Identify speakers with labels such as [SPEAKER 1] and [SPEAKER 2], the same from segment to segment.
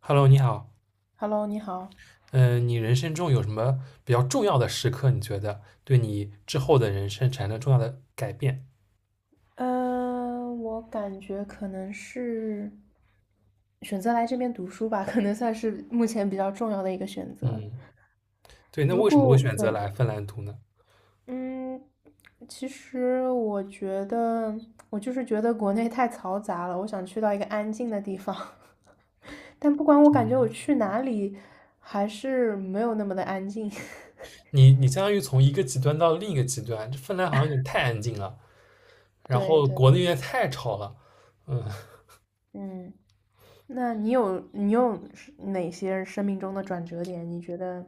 [SPEAKER 1] Hello，你好。
[SPEAKER 2] Hello，你好。
[SPEAKER 1] 嗯，你人生中有什么比较重要的时刻？你觉得对你之后的人生产生重要的改变？
[SPEAKER 2] 我感觉可能是选择来这边读书吧，可能算是目前比较重要的一个选择。
[SPEAKER 1] 嗯，对。那
[SPEAKER 2] 如
[SPEAKER 1] 为什么会
[SPEAKER 2] 果
[SPEAKER 1] 选择
[SPEAKER 2] 对，
[SPEAKER 1] 来芬兰读呢？
[SPEAKER 2] 嗯，其实我觉得我就是觉得国内太嘈杂了，我想去到一个安静的地方。但不管我感觉我去哪里，还是没有那么的安静。
[SPEAKER 1] 你相当于从一个极端到另一个极端，这芬兰好像有点太安静了，然
[SPEAKER 2] 对
[SPEAKER 1] 后
[SPEAKER 2] 对，
[SPEAKER 1] 国内有点太吵了。
[SPEAKER 2] 嗯。那你有是哪些生命中的转折点？你觉得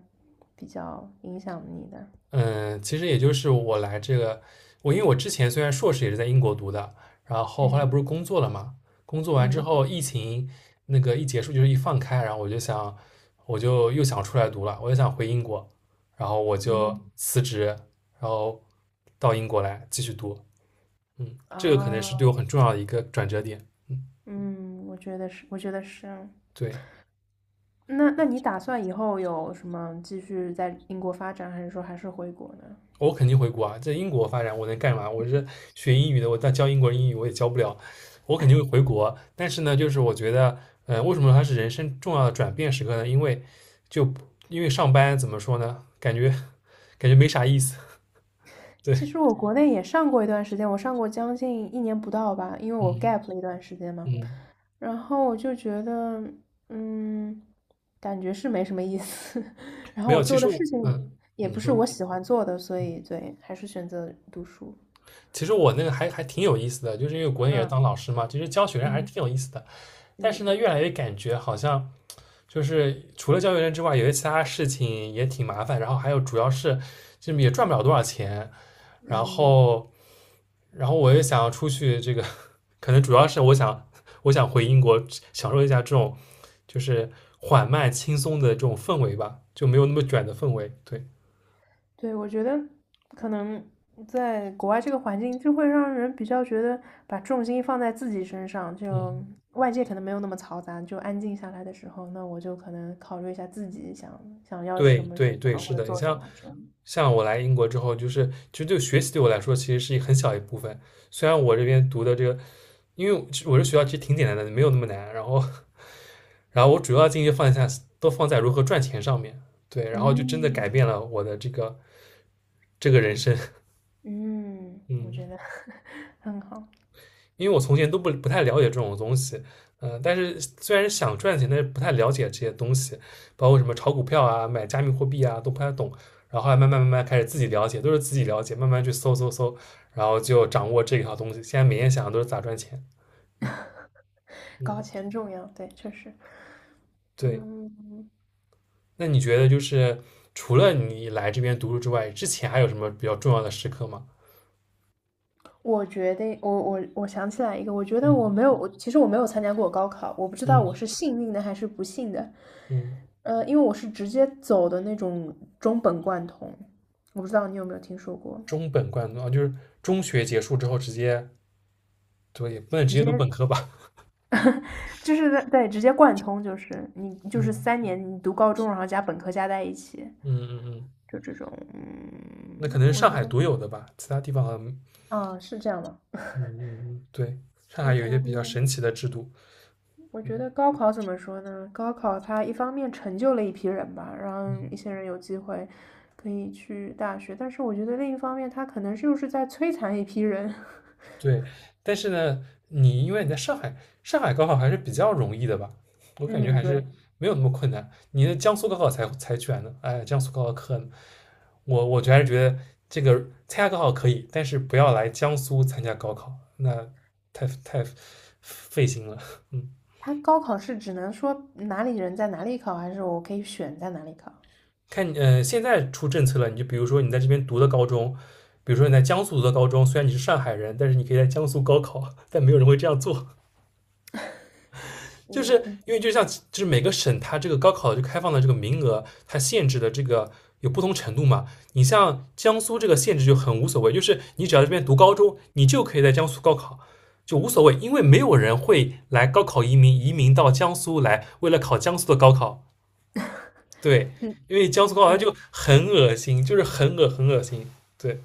[SPEAKER 2] 比较影响你的？
[SPEAKER 1] 嗯，其实也就是我来这个，因为我之前虽然硕士也是在英国读的，然后后来不是
[SPEAKER 2] 嗯
[SPEAKER 1] 工作了嘛，工作完之
[SPEAKER 2] 嗯
[SPEAKER 1] 后疫情那个一结束就是一放开，然后我就想，我就又想出来读了，我就想回英国，然后我就
[SPEAKER 2] 嗯。
[SPEAKER 1] 辞职，然后到英国来继续读，这个可能是对我
[SPEAKER 2] 啊，
[SPEAKER 1] 很重要的一个转折点，嗯，
[SPEAKER 2] 嗯，我觉得是，我觉得是啊。
[SPEAKER 1] 对。
[SPEAKER 2] 那你打算以后有什么继续在英国发展，还是说还是回国呢？
[SPEAKER 1] 我肯定回国啊，在英国发展我能干嘛？我是学英语的，我但教英国人英语我也教不了，我肯定会回国。但是呢，就是我觉得，为什么它是人生重要的转变时刻呢？因为就因为上班怎么说呢，感觉没啥意思。对，
[SPEAKER 2] 其实我国内也上过一段时间，我上过将近一年不到吧，因为我
[SPEAKER 1] 嗯
[SPEAKER 2] gap 了一段时间嘛。
[SPEAKER 1] 嗯，
[SPEAKER 2] 然后我就觉得，嗯，感觉是没什么意思。然
[SPEAKER 1] 没
[SPEAKER 2] 后我
[SPEAKER 1] 有。其
[SPEAKER 2] 做
[SPEAKER 1] 实
[SPEAKER 2] 的事
[SPEAKER 1] 我，
[SPEAKER 2] 情也
[SPEAKER 1] 你
[SPEAKER 2] 不是
[SPEAKER 1] 说，
[SPEAKER 2] 我喜欢做的，所以对，还是选择读书。
[SPEAKER 1] 其实我那个还挺有意思的，就是因为国内也是
[SPEAKER 2] 嗯
[SPEAKER 1] 当老师嘛，其实教学生还是
[SPEAKER 2] 嗯
[SPEAKER 1] 挺有意思的。但是
[SPEAKER 2] 嗯
[SPEAKER 1] 呢，越来越感觉好像。就是除了教育人之外，有些其他事情也挺麻烦，然后还有主要是就也赚不了多少钱，然
[SPEAKER 2] 嗯，
[SPEAKER 1] 后然后我也想要出去，这个 可能主要是我想回英国享受一下这种就是缓慢轻松的这种氛围吧，就没有那么卷的氛围。对，
[SPEAKER 2] 对，我觉得可能在国外这个环境，就会让人比较觉得把重心放在自己身上，
[SPEAKER 1] 嗯，
[SPEAKER 2] 就外界可能没有那么嘈杂，就安静下来的时候，那我就可能考虑一下自己想想要
[SPEAKER 1] 对
[SPEAKER 2] 什么什
[SPEAKER 1] 对对，
[SPEAKER 2] 么或
[SPEAKER 1] 是
[SPEAKER 2] 者
[SPEAKER 1] 的，你
[SPEAKER 2] 做什
[SPEAKER 1] 像
[SPEAKER 2] 么之类的
[SPEAKER 1] 像我来英国之后，就是其实对学习对我来说其实是一很小一部分，虽然我这边读的这个，因为我这学校其实挺简单的，没有那么难，然后。然后我主要精力都放在如何赚钱上面，对，然后就真的改
[SPEAKER 2] 嗯
[SPEAKER 1] 变了我的这个人生，
[SPEAKER 2] 嗯，我觉
[SPEAKER 1] 嗯，
[SPEAKER 2] 得 很好，
[SPEAKER 1] 因为我从前都不太了解这种东西，但是虽然想赚钱，但是不太了解这些东西，包括什么炒股票啊、买加密货币啊，都不太懂。然后后来慢慢慢慢开始自己了解，都是自己了解，慢慢去搜搜搜，然后就掌握这一套东西。现在每天想的都是咋赚钱，嗯
[SPEAKER 2] 搞
[SPEAKER 1] 嗯，
[SPEAKER 2] 钱重要，对，确实。
[SPEAKER 1] 对。
[SPEAKER 2] 嗯，
[SPEAKER 1] 那你觉得就是除了你来这边读书之外，之前还有什么比较重要的时刻吗？
[SPEAKER 2] 我觉得我想起来一个，我觉得我
[SPEAKER 1] 嗯。
[SPEAKER 2] 没有，我其实没有参加过高考，我不知道
[SPEAKER 1] 嗯
[SPEAKER 2] 我是幸运的还是不幸的。
[SPEAKER 1] 嗯，
[SPEAKER 2] 因为我是直接走的那种中本贯通，我不知道你有没有听说过，
[SPEAKER 1] 中本贯读啊，就是中学结束之后直接，对，也不能直
[SPEAKER 2] 直
[SPEAKER 1] 接
[SPEAKER 2] 接
[SPEAKER 1] 读本科吧？
[SPEAKER 2] 就是在对直接贯通，就是你就是三
[SPEAKER 1] 嗯
[SPEAKER 2] 年你读高中，然后加本科加在一起，
[SPEAKER 1] 嗯嗯嗯，
[SPEAKER 2] 就这种，
[SPEAKER 1] 那可能是
[SPEAKER 2] 我
[SPEAKER 1] 上
[SPEAKER 2] 觉
[SPEAKER 1] 海
[SPEAKER 2] 得
[SPEAKER 1] 独有的吧，其他地方好像，嗯
[SPEAKER 2] 啊是这样吗？
[SPEAKER 1] 嗯嗯，对，上
[SPEAKER 2] 我
[SPEAKER 1] 海有一些
[SPEAKER 2] 觉
[SPEAKER 1] 比
[SPEAKER 2] 得，
[SPEAKER 1] 较神奇的制度。
[SPEAKER 2] 我
[SPEAKER 1] 嗯。
[SPEAKER 2] 觉得高考怎么说呢？高考它一方面成就了一批人吧，让一些人有机会可以去大学，但是我觉得另一方面，它可能就是在摧残一批人。
[SPEAKER 1] 对，但是呢，你因为你在上海，上海高考还是比较容易的吧？我感觉
[SPEAKER 2] 嗯，
[SPEAKER 1] 还是
[SPEAKER 2] 对。
[SPEAKER 1] 没有那么困难。你的江苏高考才卷呢，哎，江苏高考可能，我就还是觉得这个参加高考可以，但是不要来江苏参加高考，那太费心了。嗯，
[SPEAKER 2] 他高考是只能说哪里人在哪里考，还是我可以选在哪里考？
[SPEAKER 1] 看，现在出政策了，你就比如说你在这边读的高中，比如说你在江苏读的高中，虽然你是上海人，但是你可以在江苏高考，但没有人会这样做。就
[SPEAKER 2] 嗯，
[SPEAKER 1] 是因为
[SPEAKER 2] 嗯，
[SPEAKER 1] 就像就是每个省它这个高考就开放的这个名额，它限制的这个有不同程度嘛。你像江苏这个限制就很无所谓，就是你只要这边读高中，你就可以在江苏高考，就无所谓，因为没有人会来高考移民到江苏来，为了考江苏的高考。对，
[SPEAKER 2] 嗯
[SPEAKER 1] 因为江苏高考它
[SPEAKER 2] 对，
[SPEAKER 1] 就很恶心，就是很恶心。对，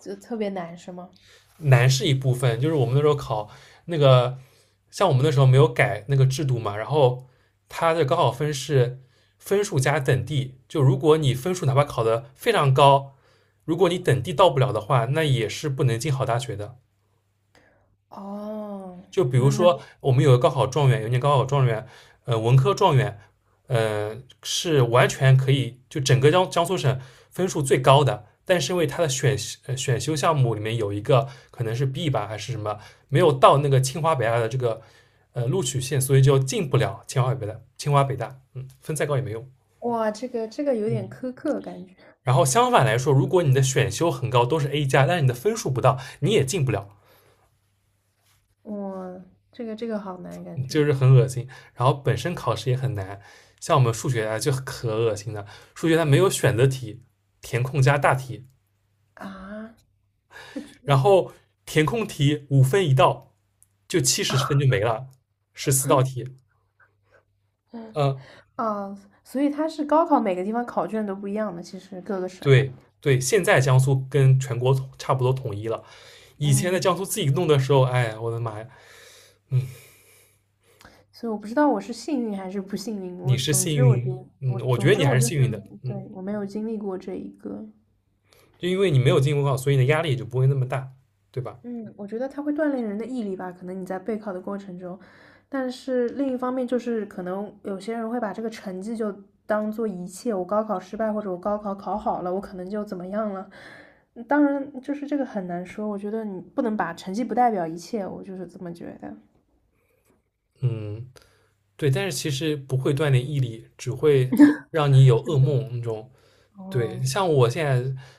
[SPEAKER 2] 就特别难是吗？
[SPEAKER 1] 难是一部分，就是我们那时候考那个，像我们那时候没有改那个制度嘛，然后它的高考分是分数加等第，就如果你分数哪怕考得非常高，如果你等第到不了的话，那也是不能进好大学的。
[SPEAKER 2] 哦，
[SPEAKER 1] 就比如
[SPEAKER 2] 那
[SPEAKER 1] 说，我们有个高考状元，有一年高考状元，文科状元，呃，是完全可以就整个江苏省分数最高的，但是因为他的选修项目里面有一个可能是 B 吧还是什么，没有到那个清华北大的这个录取线，所以就进不了清华北大。清华北大，嗯，分再高也没用。
[SPEAKER 2] 哇，这个有点苛刻感觉，
[SPEAKER 1] 然后相反来说，如果你的选修很高，都是 A+，但是你的分数不到，你也进不了。
[SPEAKER 2] 哇，这个好难感
[SPEAKER 1] 就
[SPEAKER 2] 觉
[SPEAKER 1] 是很恶心。然后本身考试也很难，像我们数学啊就可恶心了，数学它没有选择题，填空加大题，
[SPEAKER 2] 啊，那就
[SPEAKER 1] 然后填空题5分一道，就70分就没了，14道题。
[SPEAKER 2] 嗯
[SPEAKER 1] 嗯，
[SPEAKER 2] 啊，所以他是高考每个地方考卷都不一样的，其实各个省，
[SPEAKER 1] 对对，现在江苏跟全国差不多统一了。以前在
[SPEAKER 2] 嗯，
[SPEAKER 1] 江苏自己弄的时候，哎呀我的妈呀，嗯，
[SPEAKER 2] 所以我不知道我是幸运还是不幸运，
[SPEAKER 1] 你
[SPEAKER 2] 我
[SPEAKER 1] 是
[SPEAKER 2] 总
[SPEAKER 1] 幸
[SPEAKER 2] 之我
[SPEAKER 1] 运，
[SPEAKER 2] 觉得
[SPEAKER 1] 嗯，
[SPEAKER 2] 我
[SPEAKER 1] 我觉
[SPEAKER 2] 总
[SPEAKER 1] 得
[SPEAKER 2] 之
[SPEAKER 1] 你还
[SPEAKER 2] 我
[SPEAKER 1] 是
[SPEAKER 2] 就是
[SPEAKER 1] 幸运的，
[SPEAKER 2] 对
[SPEAKER 1] 嗯，
[SPEAKER 2] 我没有经历过这一个，
[SPEAKER 1] 就因为你没有进公告，所以你的压力也就不会那么大，对吧？
[SPEAKER 2] 嗯，我觉得它会锻炼人的毅力吧，可能你在备考的过程中，但是另一方面就是，可能有些人会把这个成绩就当做一切，我高考失败或者我高考考好了，我可能就怎么样了。当然，就是这个很难说，我觉得你不能把成绩不代表一切，我就是这么觉得。
[SPEAKER 1] 嗯，对，但是其实不会锻炼毅力，只会让你有噩梦那种。对，
[SPEAKER 2] 哦，
[SPEAKER 1] 像我现在，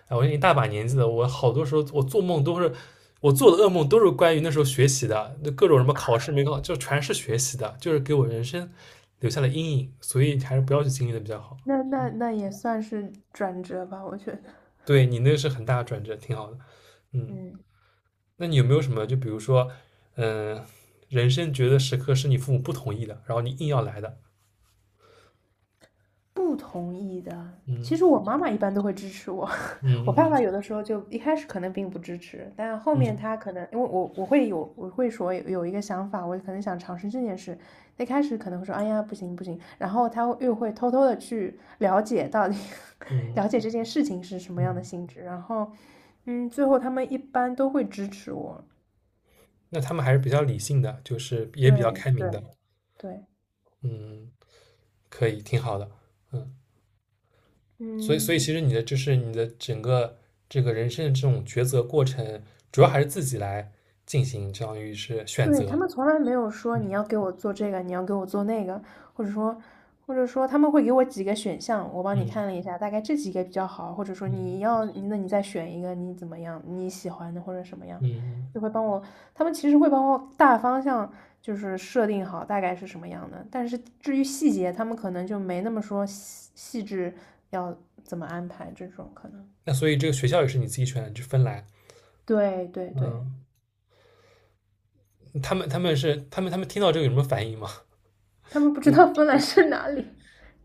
[SPEAKER 1] 哎，我已经一大把年纪了，我好多时候我做的噩梦都是关于那时候学习的，那各种什么考试没考，就全是学习的，就是给我人生留下了阴影，所以还是不要去经历的比较好。
[SPEAKER 2] 那也算是转折吧，我觉得。
[SPEAKER 1] 对你那个是很大的转折，挺好的。嗯，
[SPEAKER 2] 嗯，
[SPEAKER 1] 那你有没有什么，就比如说，嗯、人生觉得时刻是你父母不同意的，然后你硬要来的？
[SPEAKER 2] 不同意的，其实我妈妈一般都会支持我。我
[SPEAKER 1] 嗯
[SPEAKER 2] 爸爸
[SPEAKER 1] 嗯
[SPEAKER 2] 有的时候就一开始可能并不支持，但后
[SPEAKER 1] 嗯
[SPEAKER 2] 面
[SPEAKER 1] 嗯
[SPEAKER 2] 他可能因为我会说有一个想法，我可能想尝试这件事。一开始可能会说哎呀不行不行，然后他又会偷偷的去了解到底
[SPEAKER 1] 嗯嗯。
[SPEAKER 2] 了解这件事情是什么样的
[SPEAKER 1] 嗯
[SPEAKER 2] 性质，然后最后他们一般都会支持我。
[SPEAKER 1] 那他们还是比较理性的，就是也比较开
[SPEAKER 2] 对
[SPEAKER 1] 明
[SPEAKER 2] 对
[SPEAKER 1] 的。
[SPEAKER 2] 对，
[SPEAKER 1] 嗯，可以，挺好的。所以，所
[SPEAKER 2] 嗯。
[SPEAKER 1] 以其实你的就是你的整个这个人生的这种抉择过程，主要还是自己来进行，相当于是选
[SPEAKER 2] 对，
[SPEAKER 1] 择。
[SPEAKER 2] 他们从来没有说
[SPEAKER 1] 嗯
[SPEAKER 2] 你要给我做这个，你要给我做那个，或者说，或者说，他们会给我几个选项，我帮你看了
[SPEAKER 1] 嗯
[SPEAKER 2] 一下，大概这几个比较好，或者说你
[SPEAKER 1] 嗯
[SPEAKER 2] 要，那你再选一个，你怎么样，你喜欢的或者什么样，
[SPEAKER 1] 嗯。
[SPEAKER 2] 就会帮我，他们其实会帮我大方向就是设定好大概是什么样的，但是至于细节，他们可能就没那么说细细致要怎么安排这种可能。
[SPEAKER 1] 那所以这个学校也是你自己选的，就芬兰。
[SPEAKER 2] 对对对，
[SPEAKER 1] 嗯，他们他们是他们他们听到这个有什么反应吗？
[SPEAKER 2] 他们不知
[SPEAKER 1] 嗯，
[SPEAKER 2] 道芬兰是哪里。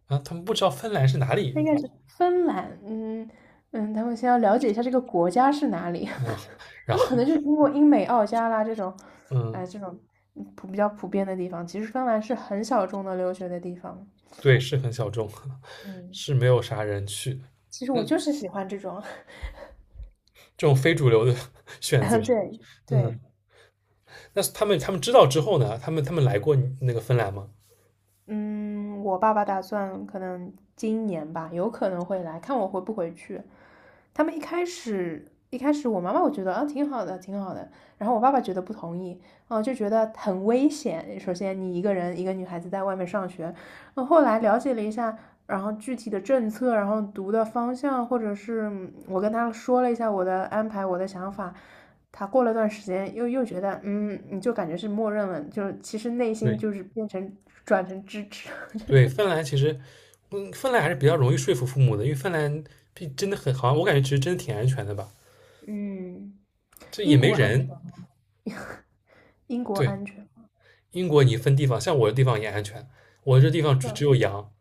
[SPEAKER 1] 啊，他们不知道芬兰是哪里
[SPEAKER 2] 应该是芬兰，嗯嗯，他们先要了解一下这个国家是哪里，
[SPEAKER 1] 啊，然
[SPEAKER 2] 他们可
[SPEAKER 1] 后
[SPEAKER 2] 能就是经过英美澳加啦这种，
[SPEAKER 1] 嗯，
[SPEAKER 2] 哎，这种嗯普比较普遍的地方。其实芬兰是很小众的留学的地方，
[SPEAKER 1] 对，是很小众，
[SPEAKER 2] 嗯，
[SPEAKER 1] 是没有啥人去。
[SPEAKER 2] 其实我就是喜欢这种，
[SPEAKER 1] 这种非主流的 选择。
[SPEAKER 2] 对对，
[SPEAKER 1] 嗯，那他们知道之后呢？他们来过那个芬兰吗？
[SPEAKER 2] 嗯，我爸爸打算可能今年吧，有可能会来看我回不回去。他们一开始，我妈妈我觉得啊挺好的，挺好的。然后我爸爸觉得不同意，啊就觉得很危险。首先你一个人一个女孩子在外面上学，那后来了解了一下，然后具体的政策，然后读的方向，或者是嗯我跟他说了一下我的安排，我的想法。他过了段时间又觉得，嗯，你就感觉是默认了，就是其实内心
[SPEAKER 1] 对
[SPEAKER 2] 就是转成支持 这种。
[SPEAKER 1] 对，芬兰其实，芬兰还是比较容易说服父母的，因为芬兰毕真的很好像我感觉其实真的挺安全的吧，
[SPEAKER 2] 嗯，
[SPEAKER 1] 这也
[SPEAKER 2] 英
[SPEAKER 1] 没
[SPEAKER 2] 国安全
[SPEAKER 1] 人。
[SPEAKER 2] 吗，英国
[SPEAKER 1] 对，
[SPEAKER 2] 安全。
[SPEAKER 1] 英国你分地方，像我的地方也安全，我这地方只
[SPEAKER 2] 那
[SPEAKER 1] 有羊，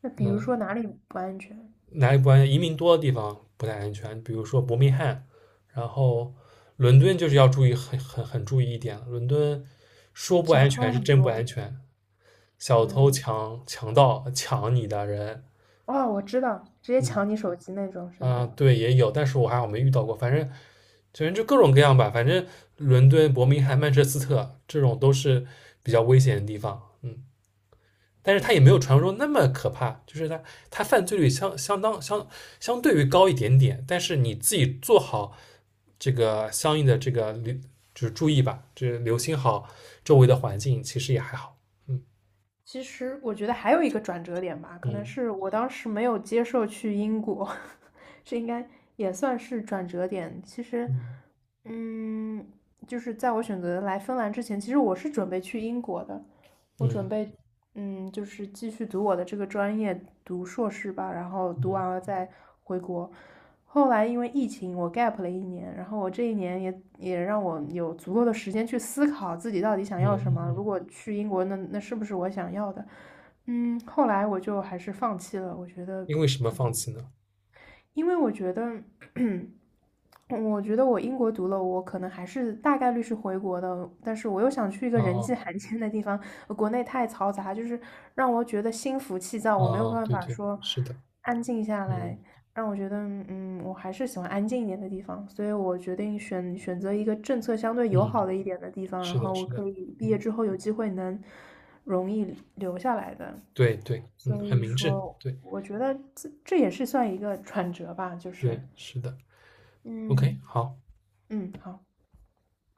[SPEAKER 2] 那比如
[SPEAKER 1] 嗯，
[SPEAKER 2] 说哪里不安全？
[SPEAKER 1] 哪里不安全？移民多的地方不太安全，比如说伯明翰，然后伦敦就是要注意很注意一点了，伦敦说不
[SPEAKER 2] 小
[SPEAKER 1] 安全
[SPEAKER 2] 偷
[SPEAKER 1] 是
[SPEAKER 2] 很
[SPEAKER 1] 真不安
[SPEAKER 2] 多。
[SPEAKER 1] 全，小偷
[SPEAKER 2] 嗯，
[SPEAKER 1] 强盗抢你的人，
[SPEAKER 2] 哦，我知道，直接
[SPEAKER 1] 嗯
[SPEAKER 2] 抢你手机那种是
[SPEAKER 1] 啊，
[SPEAKER 2] 吗？
[SPEAKER 1] 对，也有，但是我还好没遇到过。反正，就各种各样吧。反正伦敦、伯明翰、曼彻斯特这种都是比较危险的地方。嗯，但是它也没
[SPEAKER 2] 嗯。
[SPEAKER 1] 有传说中那么可怕，就是它犯罪率相相当相相对于高一点点。但是你自己做好这个相应的这个留就是注意吧，就是留心好周围的环境，其实也还好。
[SPEAKER 2] 其实我觉得还有一个转折点吧，可能
[SPEAKER 1] 嗯
[SPEAKER 2] 是我当时没有接受去英国，这应该也算是转折点。其实，
[SPEAKER 1] 嗯
[SPEAKER 2] 嗯，就是在我选择来芬兰之前，其实我是准备去英国的，我
[SPEAKER 1] 嗯
[SPEAKER 2] 准
[SPEAKER 1] 嗯
[SPEAKER 2] 备，就是继续读我的这个专业，读硕士吧，然后
[SPEAKER 1] 嗯嗯嗯
[SPEAKER 2] 读完
[SPEAKER 1] 嗯。
[SPEAKER 2] 了再回国。后来因为疫情，我 gap 了一年，然后我这一年也也让我有足够的时间去思考自己到底想
[SPEAKER 1] 嗯
[SPEAKER 2] 要什么。
[SPEAKER 1] 嗯
[SPEAKER 2] 如
[SPEAKER 1] 嗯
[SPEAKER 2] 果去英国，那是不是我想要的？嗯，后来我就还是放弃了，我觉得
[SPEAKER 1] 因为什么放弃呢？
[SPEAKER 2] 因为我觉得我英国读了，我可能还是大概率是回国的，但是我又想去一个人
[SPEAKER 1] 哦
[SPEAKER 2] 迹罕见的地方，呃国内太嘈杂，就是让我觉得心浮气躁，我没有
[SPEAKER 1] 哦，
[SPEAKER 2] 办
[SPEAKER 1] 对
[SPEAKER 2] 法
[SPEAKER 1] 对，
[SPEAKER 2] 说
[SPEAKER 1] 是的，
[SPEAKER 2] 安静下
[SPEAKER 1] 嗯
[SPEAKER 2] 来，让我觉得，嗯，我还是喜欢安静一点的地方，所以我决定选择一个政策相对友
[SPEAKER 1] 嗯，
[SPEAKER 2] 好的一点的地方，然
[SPEAKER 1] 是的，
[SPEAKER 2] 后我
[SPEAKER 1] 是的，
[SPEAKER 2] 可以毕业
[SPEAKER 1] 嗯，
[SPEAKER 2] 之后有机会能容易留下来的。
[SPEAKER 1] 对对，嗯，
[SPEAKER 2] 所
[SPEAKER 1] 很
[SPEAKER 2] 以
[SPEAKER 1] 明智，
[SPEAKER 2] 说，
[SPEAKER 1] 对
[SPEAKER 2] 我觉得这也是算一个转折吧，就是，
[SPEAKER 1] 对，是的，OK，
[SPEAKER 2] 嗯
[SPEAKER 1] 好。
[SPEAKER 2] 嗯，好。